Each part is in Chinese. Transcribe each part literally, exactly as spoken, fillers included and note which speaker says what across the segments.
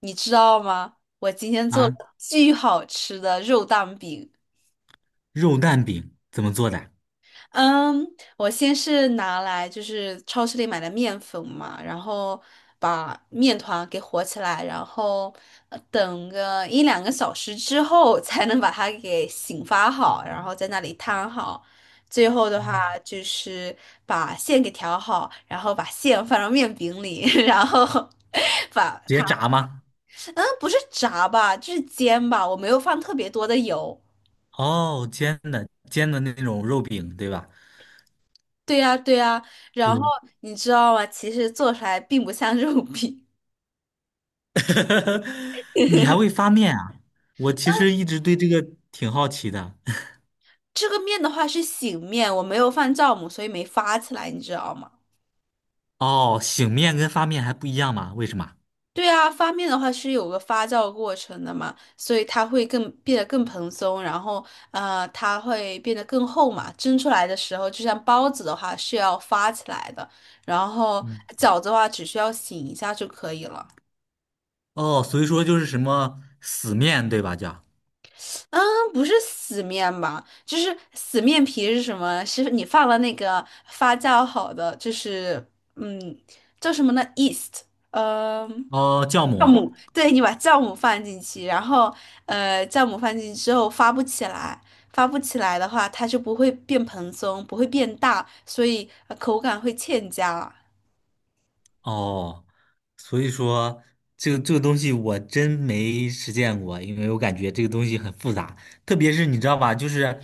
Speaker 1: 你知道吗？我今天做
Speaker 2: 啊，
Speaker 1: 了巨好吃的肉蛋饼。
Speaker 2: 肉蛋饼怎么做的？
Speaker 1: 嗯，我先是拿来就是超市里买的面粉嘛，然后把面团给和起来，然后呃等个一两个小时之后才能把它给醒发好，然后在那里摊好。最后的
Speaker 2: 哦，
Speaker 1: 话就是把馅给调好，然后把馅放到面饼里，然后 把
Speaker 2: 直接
Speaker 1: 它。
Speaker 2: 炸吗？
Speaker 1: 嗯，不是炸吧，就是煎吧，我没有放特别多的油。
Speaker 2: 哦，煎的煎的那种肉饼，对吧？
Speaker 1: 对呀，对呀，然后
Speaker 2: 对，
Speaker 1: 你知道吗？其实做出来并不像 肉饼。
Speaker 2: 你还会发面啊？我其实一直对这个挺好奇的。
Speaker 1: 这个面的话是醒面，我没有放酵母，所以没发起来，你知道吗？
Speaker 2: 哦，醒面跟发面还不一样吗？为什么？
Speaker 1: 对啊，发面的话是有个发酵过程的嘛，所以它会更变得更蓬松，然后呃，它会变得更厚嘛。蒸出来的时候，就像包子的话是要发起来的，然后
Speaker 2: 嗯，
Speaker 1: 饺子的话只需要醒一下就可以了。
Speaker 2: 哦，所以说就是什么死面，对吧？叫
Speaker 1: 嗯，不是死面吧？就是死面皮是什么？是你放了那个发酵好的，就是嗯，叫什么呢 e a s t 嗯，
Speaker 2: 哦酵母。
Speaker 1: 对，你把酵母放进去，然后呃，酵母放进去之后发不起来，发不起来的话，它就不会变蓬松，不会变大，所以呃口感会欠佳。
Speaker 2: 哦，所以说这个这个东西我真没实践过，因为我感觉这个东西很复杂，特别是你知道吧，就是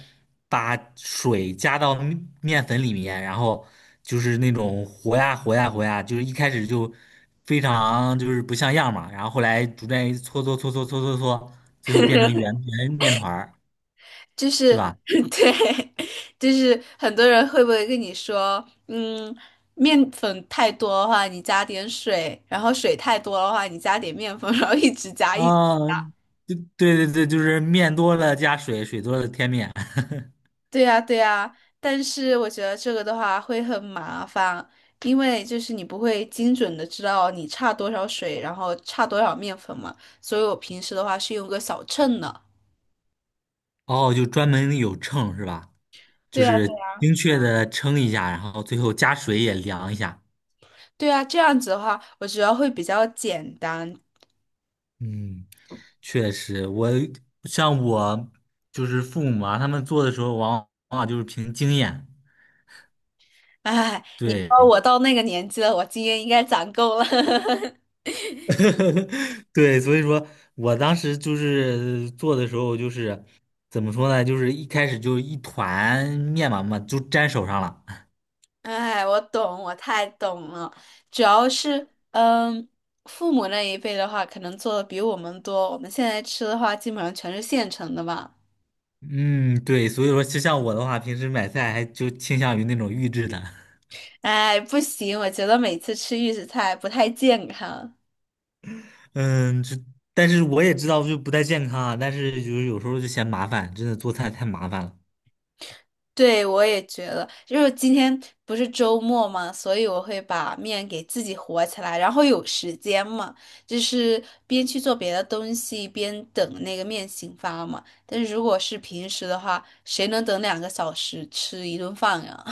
Speaker 2: 把水加到面面粉里面，然后就是那种和呀和呀和呀，就是一开始就非常就是不像样嘛，然后后来逐渐搓搓搓搓搓搓搓，最后变成圆圆面团儿，
Speaker 1: 就
Speaker 2: 是
Speaker 1: 是
Speaker 2: 吧？
Speaker 1: 对，就是很多人会不会跟你说，嗯，面粉太多的话，你加点水；然后水太多的话，你加点面粉，然后一直加一直
Speaker 2: 啊，对对对对，就是面多了加水，水多了添面，
Speaker 1: 对呀，对呀。但是我觉得这个的话会很麻烦，因为就是你不会精准的知道你差多少水，然后差多少面粉嘛。所以我平时的话是用个小秤的。
Speaker 2: 哦，就专门有秤是吧？就
Speaker 1: 对啊，
Speaker 2: 是精确的称一下，然后最后加水也量一下。
Speaker 1: 对啊，这样子的话，我觉得会比较简单。
Speaker 2: 嗯，确实，我像我就是父母啊，他们做的时候往往往就是凭经验，
Speaker 1: 哎，你说
Speaker 2: 对，
Speaker 1: 我到那个年纪了，我经验应该攒够了。
Speaker 2: 对，所以说我当时就是做的时候就是怎么说呢，就是一开始就一团面嘛嘛就粘手上了。
Speaker 1: 哎，我懂，我太懂了。主要是，嗯，父母那一辈的话，可能做的比我们多。我们现在吃的话，基本上全是现成的嘛。
Speaker 2: 嗯，对，所以说就像我的话，平时买菜还就倾向于那种预制的。
Speaker 1: 哎，不行，我觉得每次吃预制菜不太健康。
Speaker 2: 嗯，这但是我也知道就不太健康啊，但是就是有时候就嫌麻烦，真的做菜太麻烦了。
Speaker 1: 对，我也觉得，就是今天不是周末嘛，所以我会把面给自己和起来，然后有时间嘛，就是边去做别的东西，边等那个面醒发嘛。但是如果是平时的话，谁能等两个小时吃一顿饭呀？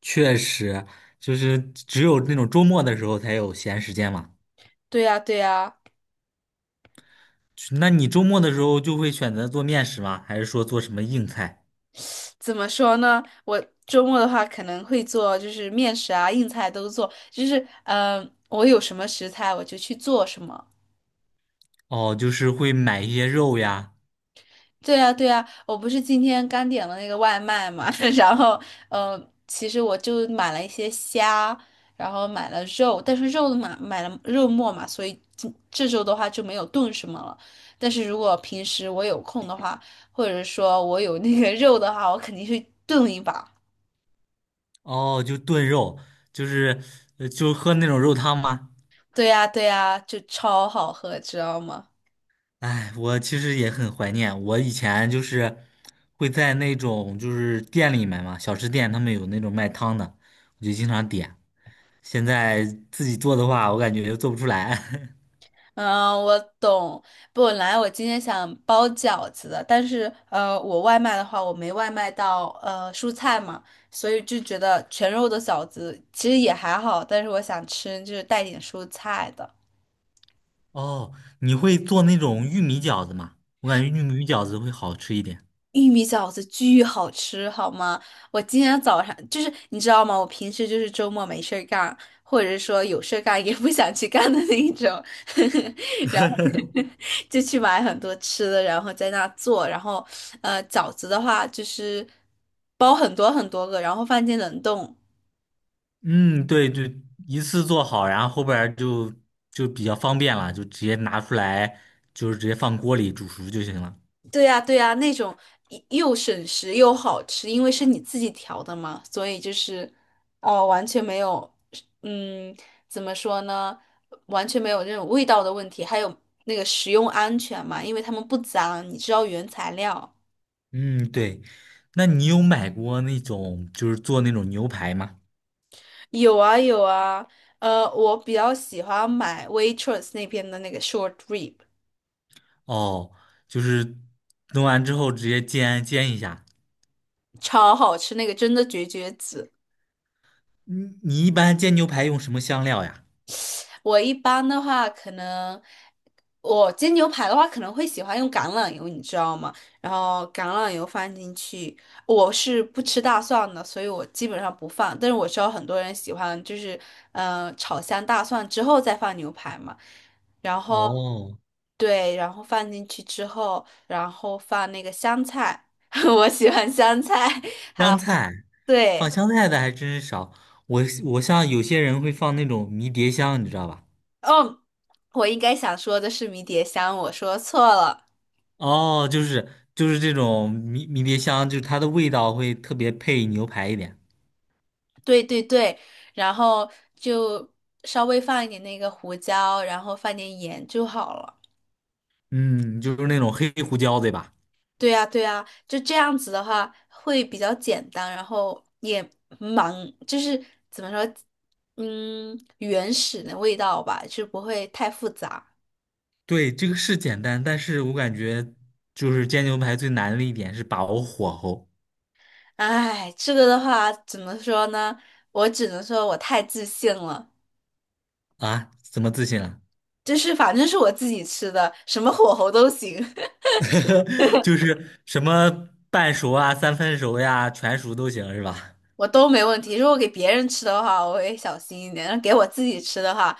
Speaker 2: 确实，就是只有那种周末的时候才有闲时间嘛。
Speaker 1: 对呀，对呀，
Speaker 2: 那你周末的时候就会选择做面食吗？还是说做什么硬菜？
Speaker 1: 怎么说呢？我周末的话可能会做，就是面食啊、硬菜都做，就是嗯、呃我有什么食材我就去做什么。
Speaker 2: 哦，就是会买一些肉呀，
Speaker 1: 对呀，对呀，我不是今天刚点了那个外卖嘛，然后，嗯、其实我就买了一些虾，然后买了肉，但是肉的嘛，买了肉末嘛，所以这这周的话就没有炖什么了。但是如果平时我有空的话，或者说我有那个肉的话，我肯定去炖一把。
Speaker 2: 哦，就炖肉，就是呃就喝那种肉汤吗？
Speaker 1: 对呀，对呀，就超好喝，知道吗？
Speaker 2: 哎，我其实也很怀念。我以前就是会在那种就是店里面嘛，小吃店他们有那种卖汤的，我就经常点。现在自己做的话，我感觉做不出来。
Speaker 1: 嗯，我懂。本来我今天想包饺子的，但是呃，我外卖的话，我没外卖到呃蔬菜嘛，所以就觉得全肉的饺子其实也还好，但是我想吃就是带点蔬菜的。
Speaker 2: 哦，你会做那种玉米饺子吗？我感觉玉米饺子会好吃一点。
Speaker 1: 玉米饺子巨好吃，好吗？我今天早上就是你知道吗？我平时就是周末没事儿干，或者是说有事儿干也不想去干的那一种。就去买很多吃的，然后在那做。然后，呃，饺子的话就是包很多很多个，然后放进冷冻。
Speaker 2: 嗯，对，就一次做好，然后后边儿就就比较方便了，就直接拿出来，就是直接放锅里煮熟就行了。
Speaker 1: 对呀，对呀，那种一又省时又好吃，因为是你自己调的嘛，所以就是，哦，完全没有，嗯，怎么说呢？完全没有那种味道的问题，还有那个食用安全嘛，因为他们不脏，你知道原材料。
Speaker 2: 嗯，对。那你有买过那种就是做那种牛排吗？
Speaker 1: 有啊有啊，呃，我比较喜欢买 Waitrose 那边的那个 short rib。
Speaker 2: 哦，就是弄完之后直接煎煎一下。
Speaker 1: 超好吃，那个真的绝绝子。
Speaker 2: 你你一般煎牛排用什么香料呀？
Speaker 1: 我一般的话，可能我煎牛排的话，可能会喜欢用橄榄油，你知道吗？然后橄榄油放进去，我是不吃大蒜的，所以我基本上不放。但是我知道很多人喜欢，就是嗯，炒香大蒜之后再放牛排嘛。然后
Speaker 2: 哦，
Speaker 1: 对，然后放进去之后，然后放那个香菜，我喜欢香菜，
Speaker 2: 香菜，放
Speaker 1: 对。
Speaker 2: 香菜的还真是少。我我像有些人会放那种迷迭香，你知道吧？
Speaker 1: 哦，我应该想说的是迷迭香，我说错了。
Speaker 2: 哦，就是就是这种迷迷迭香，就是它的味道会特别配牛排一点。
Speaker 1: 对对对，然后就稍微放一点那个胡椒，然后放点盐就好了。
Speaker 2: 嗯，就是那种黑胡椒，对吧？
Speaker 1: 对呀对呀，就这样子的话会比较简单，然后也蛮就是怎么说，嗯，原始的味道吧，就不会太复杂。
Speaker 2: 对，这个是简单，但是我感觉就是煎牛排最难的一点是把握火候
Speaker 1: 哎，这个的话怎么说呢？我只能说我太自信了，
Speaker 2: 啊，怎么自信了？
Speaker 1: 就是反正是我自己吃的，什么火候都行。
Speaker 2: 就是什么半熟啊、三分熟呀、全熟都行是吧？
Speaker 1: 我都没问题。如果给别人吃的话，我会小心一点；但给我自己吃的话，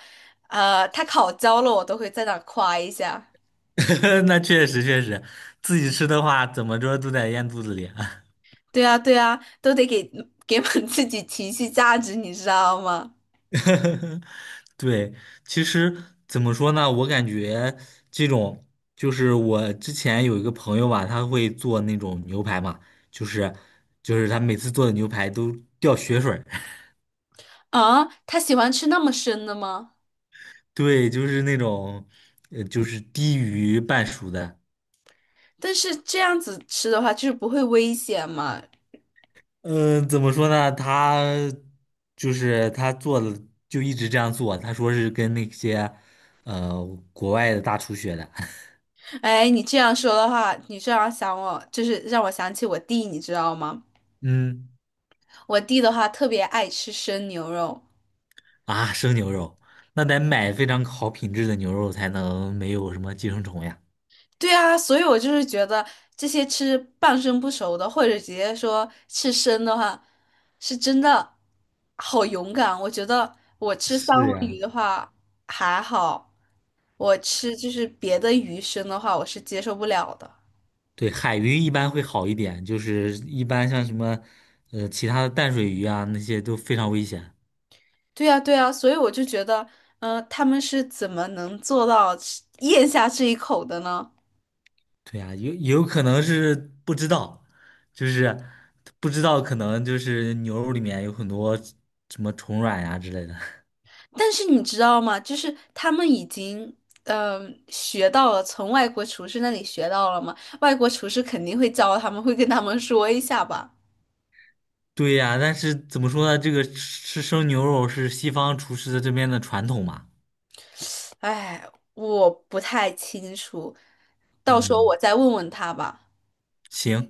Speaker 1: 呃，它烤焦了，我都会在那儿夸一下。
Speaker 2: 那确实确实，自己吃的话怎么着都得咽肚子里啊。
Speaker 1: 对啊，对啊，都得给给我 们自己情绪价值，你知道吗？
Speaker 2: 对，其实怎么说呢，我感觉这种就是我之前有一个朋友吧，他会做那种牛排嘛，就是就是他每次做的牛排都掉血水儿。
Speaker 1: 啊，他喜欢吃那么生的吗？
Speaker 2: 对，就是那种，呃，就是低于半熟的。
Speaker 1: 但是这样子吃的话，就是不会危险嘛。
Speaker 2: 嗯，怎么说呢？他就是他做的就一直这样做。他说是跟那些呃国外的大厨学的。
Speaker 1: 哎，你这样说的话，你这样想我，就是让我想起我弟，你知道吗？
Speaker 2: 嗯，
Speaker 1: 我弟的话特别爱吃生牛肉，
Speaker 2: 啊，生牛肉，那得买非常好品质的牛肉才能没有什么寄生虫呀。
Speaker 1: 对啊，所以我就是觉得这些吃半生不熟的，或者直接说吃生的话，是真的好勇敢。我觉得我吃三文
Speaker 2: 是呀。
Speaker 1: 鱼的话还好，我吃就是别的鱼生的话，我是接受不了的。
Speaker 2: 对，海鱼一般会好一点，就是一般像什么，呃，其他的淡水鱼啊那些都非常危险。
Speaker 1: 对呀，对呀，所以我就觉得，嗯、他们是怎么能做到吃咽下这一口的呢？
Speaker 2: 对呀，有有可能是不知道，就是不知道，可能就是牛肉里面有很多什么虫卵呀之类的。
Speaker 1: 但是你知道吗？就是他们已经嗯、呃学到了，从外国厨师那里学到了嘛。外国厨师肯定会教他们，会跟他们说一下吧。
Speaker 2: 对呀，但是怎么说呢？这个吃吃生牛肉是西方厨师的这边的传统嘛。
Speaker 1: 哎，我不太清楚，到时候
Speaker 2: 嗯，
Speaker 1: 我再问问他吧。
Speaker 2: 行，